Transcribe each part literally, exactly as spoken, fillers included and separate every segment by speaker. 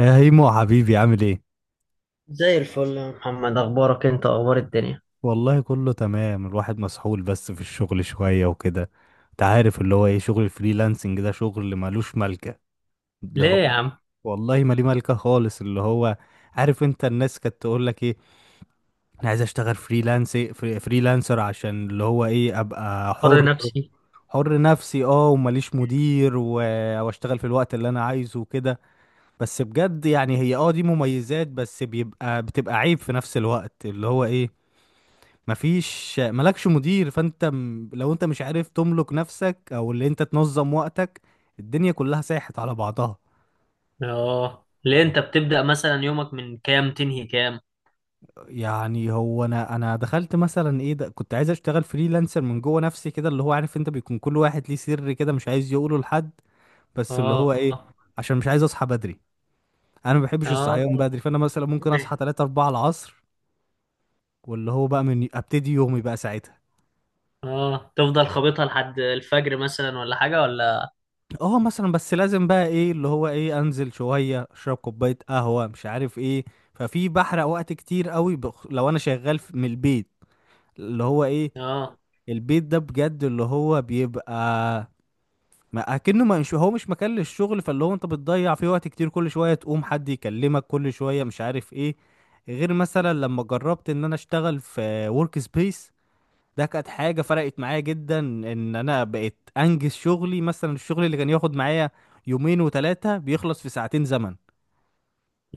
Speaker 1: يا هيمو حبيبي عامل ايه؟
Speaker 2: زي الفل يا محمد، اخبارك انت؟ اخبار الدنيا؟
Speaker 1: والله كله تمام، الواحد مسحول بس في الشغل شوية وكده. انت عارف اللي هو ايه شغل الفريلانسنج ده شغل ملوش ملكة. اللي
Speaker 2: ليه
Speaker 1: هو
Speaker 2: يا عم؟
Speaker 1: والله ما ليه ملكة خالص. اللي هو عارف، انت الناس كانت تقول لك ايه؟ انا عايز اشتغل فريلانس فري- فريلانسر عشان اللي هو ايه ابقى
Speaker 2: حر
Speaker 1: حر،
Speaker 2: نفسي.
Speaker 1: حر نفسي، اه، ومليش مدير و... واشتغل في الوقت اللي انا عايزه وكده. بس بجد يعني هي، اه، دي مميزات بس بيبقى بتبقى عيب في نفس الوقت. اللي هو ايه مفيش، مالكش مدير، فانت م- لو انت مش عارف تملك نفسك او اللي انت تنظم وقتك الدنيا كلها ساحت على بعضها.
Speaker 2: اه، ليه انت بتبدأ مثلا يومك من كام؟ تنهي كام؟
Speaker 1: يعني هو انا انا دخلت مثلا، ايه ده، كنت عايز اشتغل فريلانسر من جوه نفسي كده. اللي هو عارف انت، بيكون كل واحد ليه سر كده مش عايز يقوله لحد. بس اللي هو
Speaker 2: اه.
Speaker 1: ايه عشان مش عايز اصحى بدري. انا ما بحبش
Speaker 2: اه.
Speaker 1: الصحيان بدري، فانا مثلا ممكن اصحى ثلاثة اربعة العصر، واللي هو بقى من ابتدي يومي بقى ساعتها.
Speaker 2: اه، تفضل خابطها لحد الفجر مثلا ولا حاجة ولا؟
Speaker 1: اه، مثلا بس لازم بقى، ايه اللي هو ايه انزل شويه، اشرب كوبايه قهوه، مش عارف ايه. ففي بحرق وقت كتير قوي بخ... لو انا شغال في- من البيت. اللي هو ايه
Speaker 2: اه.
Speaker 1: البيت ده بجد اللي هو بيبقى ما اكنه ما مش هو مش مكان للشغل. فاللي هو انت بتضيع فيه وقت كتير، كل شويه تقوم حد يكلمك، كل شويه مش عارف ايه. غير مثلا لما جربت ان انا اشتغل في ورك سبيس، ده كانت حاجة فرقت معايا جدا، ان انا بقيت انجز شغلي. مثلا الشغل اللي كان ياخد معايا يومين وثلاثة بيخلص في ساعتين زمن،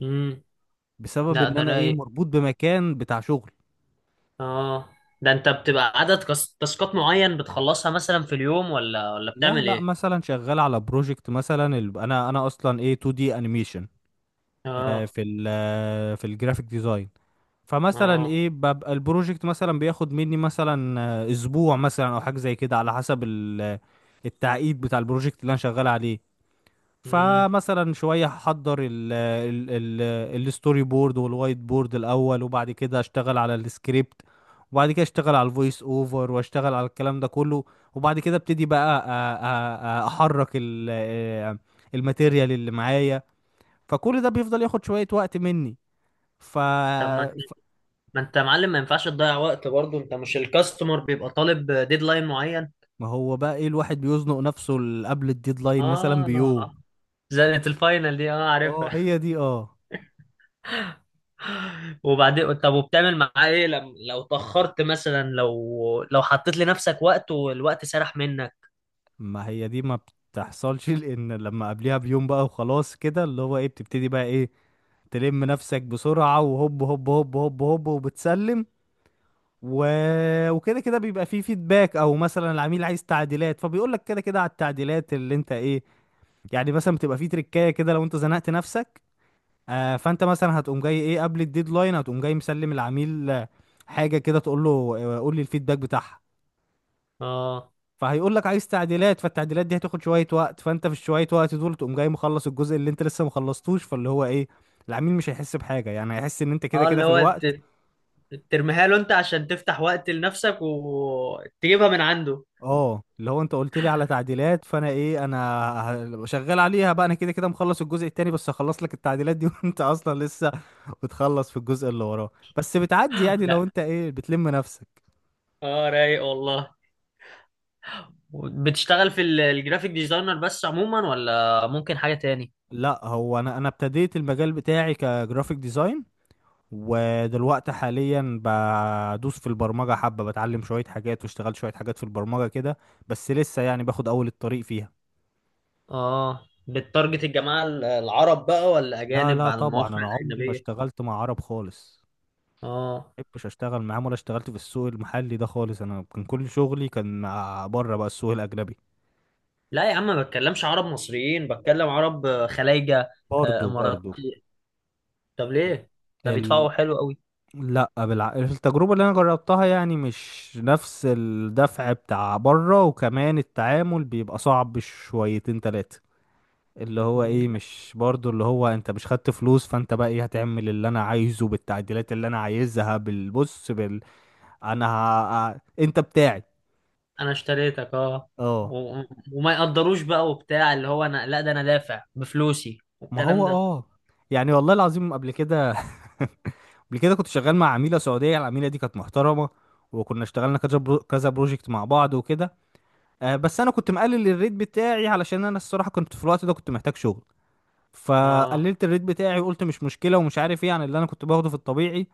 Speaker 2: امم.
Speaker 1: بسبب
Speaker 2: لا،
Speaker 1: ان
Speaker 2: ده
Speaker 1: انا، ايه،
Speaker 2: رايق.
Speaker 1: مربوط بمكان بتاع شغل.
Speaker 2: اه، ده انت بتبقى عدد كس- تاسكات معين بتخلصها مثلا في اليوم، ولا ولا
Speaker 1: لا
Speaker 2: بتعمل
Speaker 1: لا،
Speaker 2: ايه؟
Speaker 1: مثلا شغال على بروجكت، مثلا ال- انا انا اصلا ايه، تو دي انيميشن،
Speaker 2: اه.
Speaker 1: في ال آه، في الجرافيك ديزاين. فمثلا
Speaker 2: اه.
Speaker 1: ايه، ببقى البروجكت مثلا بياخد مني مثلا، آه، اسبوع مثلا او حاجة زي كده، على حسب ال- آه، التعقيد بتاع البروجكت اللي انا شغال عليه.
Speaker 2: امم.
Speaker 1: فمثلا شوية هحضر ال ال ال الستوري بورد والوايت بورد الأول، وبعد كده أشتغل على السكريبت، وبعد كده أشتغل على الفويس أوفر، وأشتغل على الكلام ده كله، وبعد كده أبتدي بقى أ- أ- أ- أحرك ال آه، الماتيريال اللي معايا. فكل ده بيفضل ياخد شوية وقت مني. ف...
Speaker 2: طب ما،
Speaker 1: ف...
Speaker 2: ما انت يا معلم، ما ينفعش تضيع وقت برضه. انت مش الكاستمر بيبقى طالب ديدلاين معين؟
Speaker 1: ما هو بقى إيه، الواحد بيزنق نفسه ل- قبل الديدلاين مثلا بيوم.
Speaker 2: اه. زنة الفاينل دي، اه،
Speaker 1: اه،
Speaker 2: عارفها.
Speaker 1: هي دي، اه.
Speaker 2: وبعدين طب، وبتعمل معاه ايه لم... لو اتأخرت مثلا، لو لو حطيت لنفسك وقت والوقت سرح منك؟
Speaker 1: ما هي دي ما بتحصلش، لان لما قبليها بيوم بقى وخلاص كده، اللي هو ايه بتبتدي بقى، ايه، تلم نفسك بسرعة، وهوب هوب هوب هوب هوب، وبتسلم. و... وكده كده بيبقى فيه فيدباك، او مثلا العميل عايز تعديلات، فبيقول لك كده كده على التعديلات اللي انت، ايه، يعني مثلا بتبقى فيه تريكاية كده لو انت زنقت نفسك. آه، فانت مثلا هتقوم جاي، ايه، قبل الديدلاين، هتقوم جاي مسلم العميل، آه، حاجة كده تقول له، آه، قول لي الفيدباك بتاعها.
Speaker 2: اه.
Speaker 1: فهيقول لك عايز تعديلات، فالتعديلات دي هتاخد شويه وقت، فانت في الشويه وقت دول تقوم جاي مخلص الجزء اللي انت لسه مخلصتوش. فاللي هو ايه العميل مش هيحس بحاجه، يعني هيحس ان انت كده
Speaker 2: اه،
Speaker 1: كده
Speaker 2: اللي
Speaker 1: في
Speaker 2: هو
Speaker 1: الوقت.
Speaker 2: ت- ترميها له انت عشان تفتح وقت لنفسك وتجيبها من عنده.
Speaker 1: اه، اللي هو انت قلت لي على تعديلات، فانا، ايه، انا ه- شغال عليها بقى، انا كده كده مخلص الجزء التاني، بس هخلص لك التعديلات دي، وانت اصلا لسه بتخلص في الجزء اللي وراه. بس بتعدي يعني لو
Speaker 2: لا.
Speaker 1: انت، ايه، بتلم نفسك.
Speaker 2: اه، رايق والله. بتشتغل في ال- الجرافيك ديزاينر بس عموما، ولا ممكن حاجة تاني؟
Speaker 1: لا، هو انا انا ابتديت المجال بتاعي كجرافيك ديزاين، ودلوقتي حاليا بدوس في البرمجة حبة، بتعلم شوية حاجات واشتغلت شوية حاجات في البرمجة كده، بس لسه يعني باخد أول الطريق فيها.
Speaker 2: اه، بتارجت الجماعة ال- العرب بقى، ولا
Speaker 1: لا
Speaker 2: أجانب
Speaker 1: لا،
Speaker 2: على
Speaker 1: طبعا
Speaker 2: المواقع
Speaker 1: أنا عمري ما
Speaker 2: الأجنبية؟
Speaker 1: اشتغلت مع عرب خالص.
Speaker 2: اه.
Speaker 1: محبش اشتغل معاهم، ولا اشتغلت في السوق المحلي ده خالص. انا كان كل شغلي كان مع بره بقى، السوق الاجنبي.
Speaker 2: لا يا عم، ما بتكلمش عرب مصريين، بتكلم عرب خلايجة. آه،
Speaker 1: برضو برضو.
Speaker 2: إماراتي. طب ليه؟ ده
Speaker 1: ال...
Speaker 2: بيدفعوا حلو قوي.
Speaker 1: لا بالع... التجربة اللي انا جربتها، يعني مش نفس الدفع بتاع بره، وكمان التعامل بيبقى صعب شويتين تلاتة. اللي هو
Speaker 2: مم،
Speaker 1: ايه
Speaker 2: لا،
Speaker 1: مش برضو اللي هو انت مش خدت فلوس، فانت بقى، ايه، هتعمل اللي انا عايزه بالتعديلات اللي انا عايزها بالبص بال، انا ه... ه- انت بتاعي.
Speaker 2: أنا اشتريتك اه.
Speaker 1: اه.
Speaker 2: و- وما يقدروش بقى وبتاع اللي هو، أنا، لا ده أنا دافع بفلوسي
Speaker 1: ما
Speaker 2: والكلام
Speaker 1: هو
Speaker 2: ده.
Speaker 1: اه يعني والله العظيم، قبل كده، قبل كده كنت شغال مع عميلة سعودية. العميلة دي كانت محترمة، وكنا اشتغلنا كذا برو... كذا بروجكت مع بعض وكده. آه، بس انا كنت مقلل الريت بتاعي، علشان انا الصراحة كنت في الوقت ده كنت محتاج شغل.
Speaker 2: اه.
Speaker 1: فقللت الريت بتاعي، وقلت مش مشكلة ومش عارف ايه، عن اللي انا كنت باخده في الطبيعي.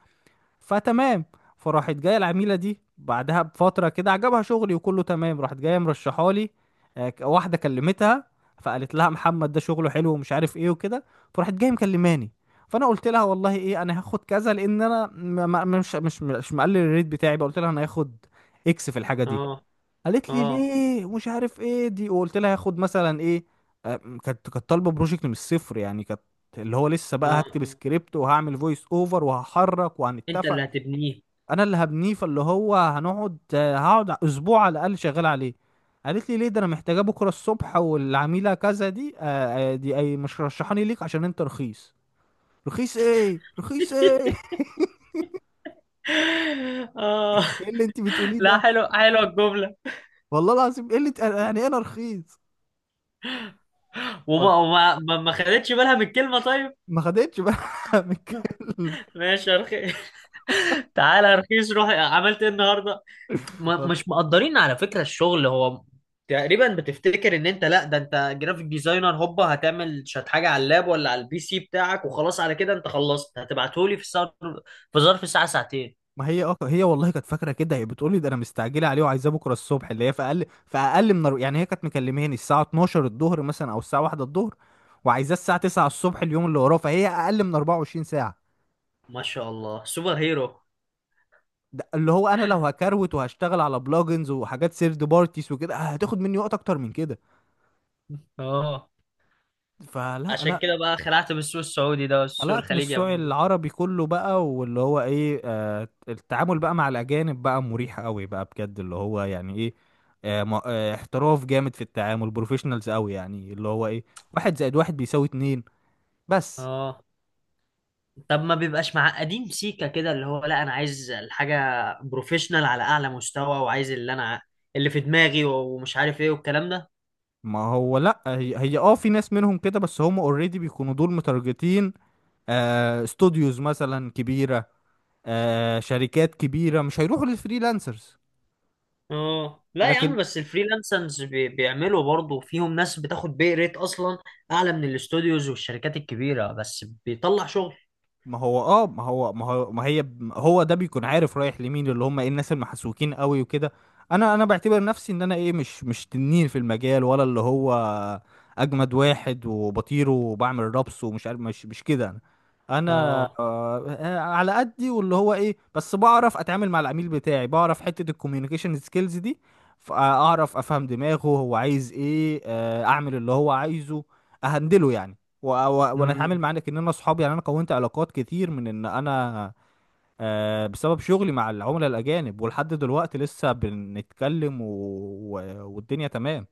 Speaker 1: فتمام. فراحت جايه العميله دي بعدها بفتره كده، عجبها شغلي وكله تمام، راحت جايه مرشحه لي، آه، ك- واحده كلمتها، فقالت لها محمد ده شغله حلو ومش عارف ايه وكده. فراحت جايه مكلماني، فانا قلت لها والله، ايه، انا هاخد كذا، لان انا م- م- مش مش مش مقلل الريت بتاعي بقى، قلت لها انا هاخد اكس في الحاجه دي.
Speaker 2: اه.
Speaker 1: قالت لي
Speaker 2: اه.
Speaker 1: ليه ومش عارف ايه دي، وقلت لها هاخد مثلا ايه. آه، كانت كانت طالبه بروجكت من الصفر يعني، كانت اللي هو لسه بقى
Speaker 2: اه.
Speaker 1: هكتب سكريبت، وهعمل فويس اوفر، وهحرك،
Speaker 2: أنت اللي
Speaker 1: وهنتفق.
Speaker 2: هتبنيه.
Speaker 1: انا اللي هبنيه، فاللي هو هنقعد، آه، هقعد اسبوع على الاقل شغال عليه. قالت لي ليه؟ ده انا محتاجاه بكره الصبح، والعميله كذا دي، آه آه، دي اي، مش رشحاني ليك عشان انت رخيص. رخيص ايه؟ رخيص ايه؟
Speaker 2: اه،
Speaker 1: ايه اللي انت بتقوليه
Speaker 2: لا،
Speaker 1: ده؟
Speaker 2: حلو، حلوة الجملة.
Speaker 1: والله العظيم، ايه اللي ت- يعني إيه انا رخيص؟
Speaker 2: وما وما ما ما خدتش بالها من الكلمه طيب؟
Speaker 1: ما خدتش بقى من الكلمة.
Speaker 2: ماشي يا رخيص. تعالى يا رخيص، روح عملت ايه النهارده. ما مش مقدرين على فكره الشغل. هو تقريبا بتفتكر ان انت، لا ده انت جرافيك ديزاينر هوبا هتعمل شات حاجه على اللاب ولا على البي سي بتاعك وخلاص، على كده انت خلصت، هتبعتهولي في الساعه، في ظرف ساعه ساعتين.
Speaker 1: ما هي، اه، هي والله كانت فاكره كده. هي بتقول لي ده انا مستعجله عليه وعايزاه بكره الصبح، اللي هي في اقل في اقل من يعني، هي كانت مكلماني الساعه اتناشر الظهر مثلا، او الساعه واحدة الظهر، وعايزاه الساعه تسعة الصبح اليوم اللي وراه. فهي اقل من اربعة وعشرين ساعه.
Speaker 2: ما شاء الله، سوبر هيرو.
Speaker 1: ده اللي هو انا لو هكروت وهشتغل على بلوجنز وحاجات سيرد بارتيز وكده، هتاخد مني وقت اكتر من كده.
Speaker 2: اه،
Speaker 1: فلا
Speaker 2: عشان
Speaker 1: لا
Speaker 2: كده بقى خلعت من السوق السعودي ده والسوق
Speaker 1: قلقت من
Speaker 2: الخليجي يا
Speaker 1: السوق
Speaker 2: ابو.
Speaker 1: العربي كله بقى، واللي هو ايه آه، التعامل بقى مع الاجانب بقى مريح قوي بقى، بجد، اللي هو يعني ايه آه، ما- آه احتراف جامد في التعامل، بروفيشنالز قوي، يعني اللي هو ايه واحد زائد واحد بيساوي اتنين. بس.
Speaker 2: اه، طب ما بيبقاش معقدين سيكا كده، اللي هو لا انا عايز الحاجه بروفيشنال على اعلى مستوى، وعايز اللي انا اللي في دماغي ومش عارف ايه والكلام ده.
Speaker 1: ما هو لا هي، هي اه، في ناس منهم كده، بس هم اوريدي بيكونوا دول متارجتين، آه، استوديوز مثلا كبيرة، آه، شركات كبيرة مش هيروحوا للفريلانسرز.
Speaker 2: اه، لا يا
Speaker 1: لكن
Speaker 2: عم، بس الفريلانسرز بي- بيعملوا برضه فيهم ناس بتاخد بي ريت اصلا اعلى من الاستوديوز والشركات الكبيره، بس بيطلع شغل.
Speaker 1: ما هو اه ما هو ما هو ما هي هو ده بيكون عارف رايح لمين، اللي هم، ايه، الناس المحسوكين قوي وكده. انا انا بعتبر نفسي ان انا، ايه، مش مش تنين في المجال، ولا اللي هو اجمد واحد وبطير وبعمل رابس ومش عارف، مش مش كده انا. انا،
Speaker 2: اه.
Speaker 1: آه، على قدي، واللي هو ايه بس بعرف اتعامل مع العميل بتاعي، بعرف حتة الكوميونيكيشن سكيلز دي، فاعرف افهم دماغه هو عايز ايه، آه، اعمل اللي هو عايزه، اهندله يعني. و... و... وانا اتعامل معاك ان انا اصحاب يعني، انا كونت علاقات كتير من ان انا، آه، بسبب شغلي مع العملاء الاجانب. ولحد دلوقتي لسه بنتكلم، و... و... والدنيا تمام.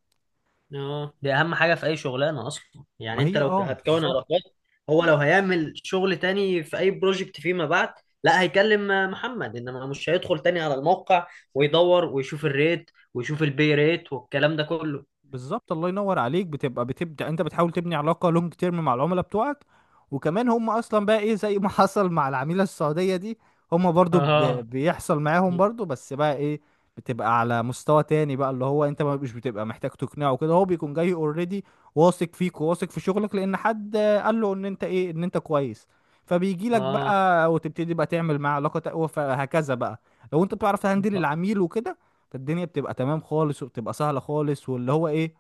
Speaker 2: اه، دي اهم حاجه في اي شغلانه اصلا،
Speaker 1: ما
Speaker 2: يعني انت
Speaker 1: هي،
Speaker 2: لو
Speaker 1: اه،
Speaker 2: هتكون
Speaker 1: بالظبط.
Speaker 2: علاقات. هو لو هيعمل شغل تاني في اي بروجكت فيما بعد، لا هيكلم محمد، انما مش هيدخل تاني على الموقع ويدور ويشوف الريت ويشوف البي ريت والكلام ده كله.
Speaker 1: بالظبط، الله ينور عليك. بتبقى بتبدا انت بتحاول تبني علاقه لونج تيرم مع العملاء بتوعك. وكمان هم اصلا بقى، ايه، زي ما حصل مع العميله السعوديه دي، هم برضو ب...
Speaker 2: اه.
Speaker 1: بيحصل معاهم برضو، بس بقى ايه، بتبقى على مستوى تاني بقى، اللي هو انت ما مش بتبقى محتاج تقنعه، كده هو بيكون جاي اوريدي واثق فيك، وواثق في شغلك، لان حد قال له ان انت، ايه، ان انت كويس. فبيجي لك
Speaker 2: اه.
Speaker 1: بقى، وتبتدي بقى تعمل معاه علاقه تقوى، فهكذا بقى. لو انت بتعرف تهندل العميل وكده، فالدنيا بتبقى تمام خالص، وبتبقى سهلة خالص. واللي هو ايه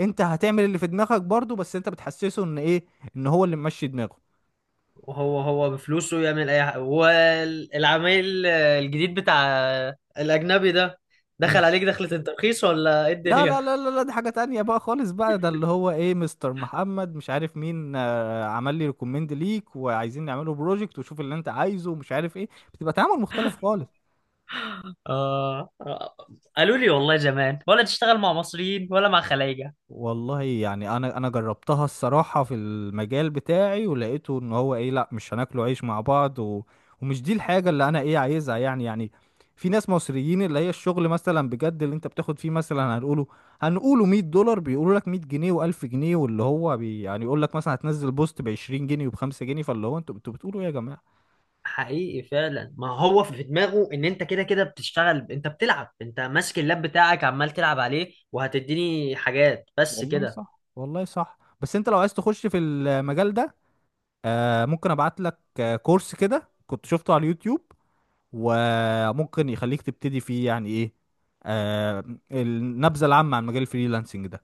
Speaker 1: انت هتعمل اللي في دماغك برضو، بس انت بتحسسه ان، ايه، ان هو اللي ممشي دماغه.
Speaker 2: وهو هو بفلوسه يعمل اي حاجه. والعميل الجديد بتاع الاجنبي ده،
Speaker 1: مم.
Speaker 2: دخل عليك دخلة الترخيص ولا ايه
Speaker 1: لا
Speaker 2: الدنيا؟
Speaker 1: لا لا لا لا، دي حاجة تانية بقى خالص بقى. ده اللي هو ايه مستر محمد، مش عارف مين، آه، عمل لي ريكومند ليك، وعايزين نعمله بروجكت، وشوف اللي انت عايزه ومش عارف ايه. بتبقى تعامل مختلف خالص.
Speaker 2: آه آه، قالوا لي والله زمان، ولا تشتغل مع مصريين ولا مع خلايجة.
Speaker 1: والله يعني انا انا جربتها الصراحه في المجال بتاعي، ولقيته ان هو، ايه، لا مش هناكله عيش مع بعض، و... ومش دي الحاجه اللي انا، ايه، عايزها يعني. يعني في ناس مصريين، اللي هي الشغل مثلا بجد اللي انت بتاخد فيه مثلا هنقوله هنقوله ميه دولار بيقولوا لك ميه جنيه، و1000 جنيه، واللي هو بي يعني يقول لك مثلا هتنزل بوست ب عشرين جنيه، وب خمسة جنيه. فاللي هو، انتوا انتوا بتقولوا ايه يا جماعه؟
Speaker 2: حقيقي فعلا، ما هو في دماغه ان انت كده كده بتشتغل، انت بتلعب، انت ماسك اللاب بتاعك عمال تلعب عليه، وهتديني حاجات بس
Speaker 1: والله
Speaker 2: كده.
Speaker 1: صح، والله صح. بس انت لو عايز تخش في المجال ده، آه، ممكن ابعت لك، آه، كورس كده كنت شفته على اليوتيوب، وممكن يخليك تبتدي فيه، يعني، ايه، آه، النبذة العامة عن مجال الفريلانسنج ده.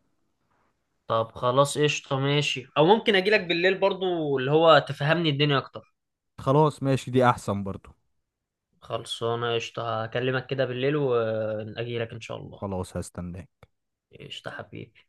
Speaker 2: طب خلاص قشطة ماشي، او ممكن اجيلك بالليل برضو اللي هو تفهمني الدنيا اكتر.
Speaker 1: خلاص، ماشي، دي احسن برضو.
Speaker 2: خلصانة قشطة، هكلمك كده بالليل وأجيلك إن شاء الله.
Speaker 1: خلاص، هستناك.
Speaker 2: قشطة حبيبي.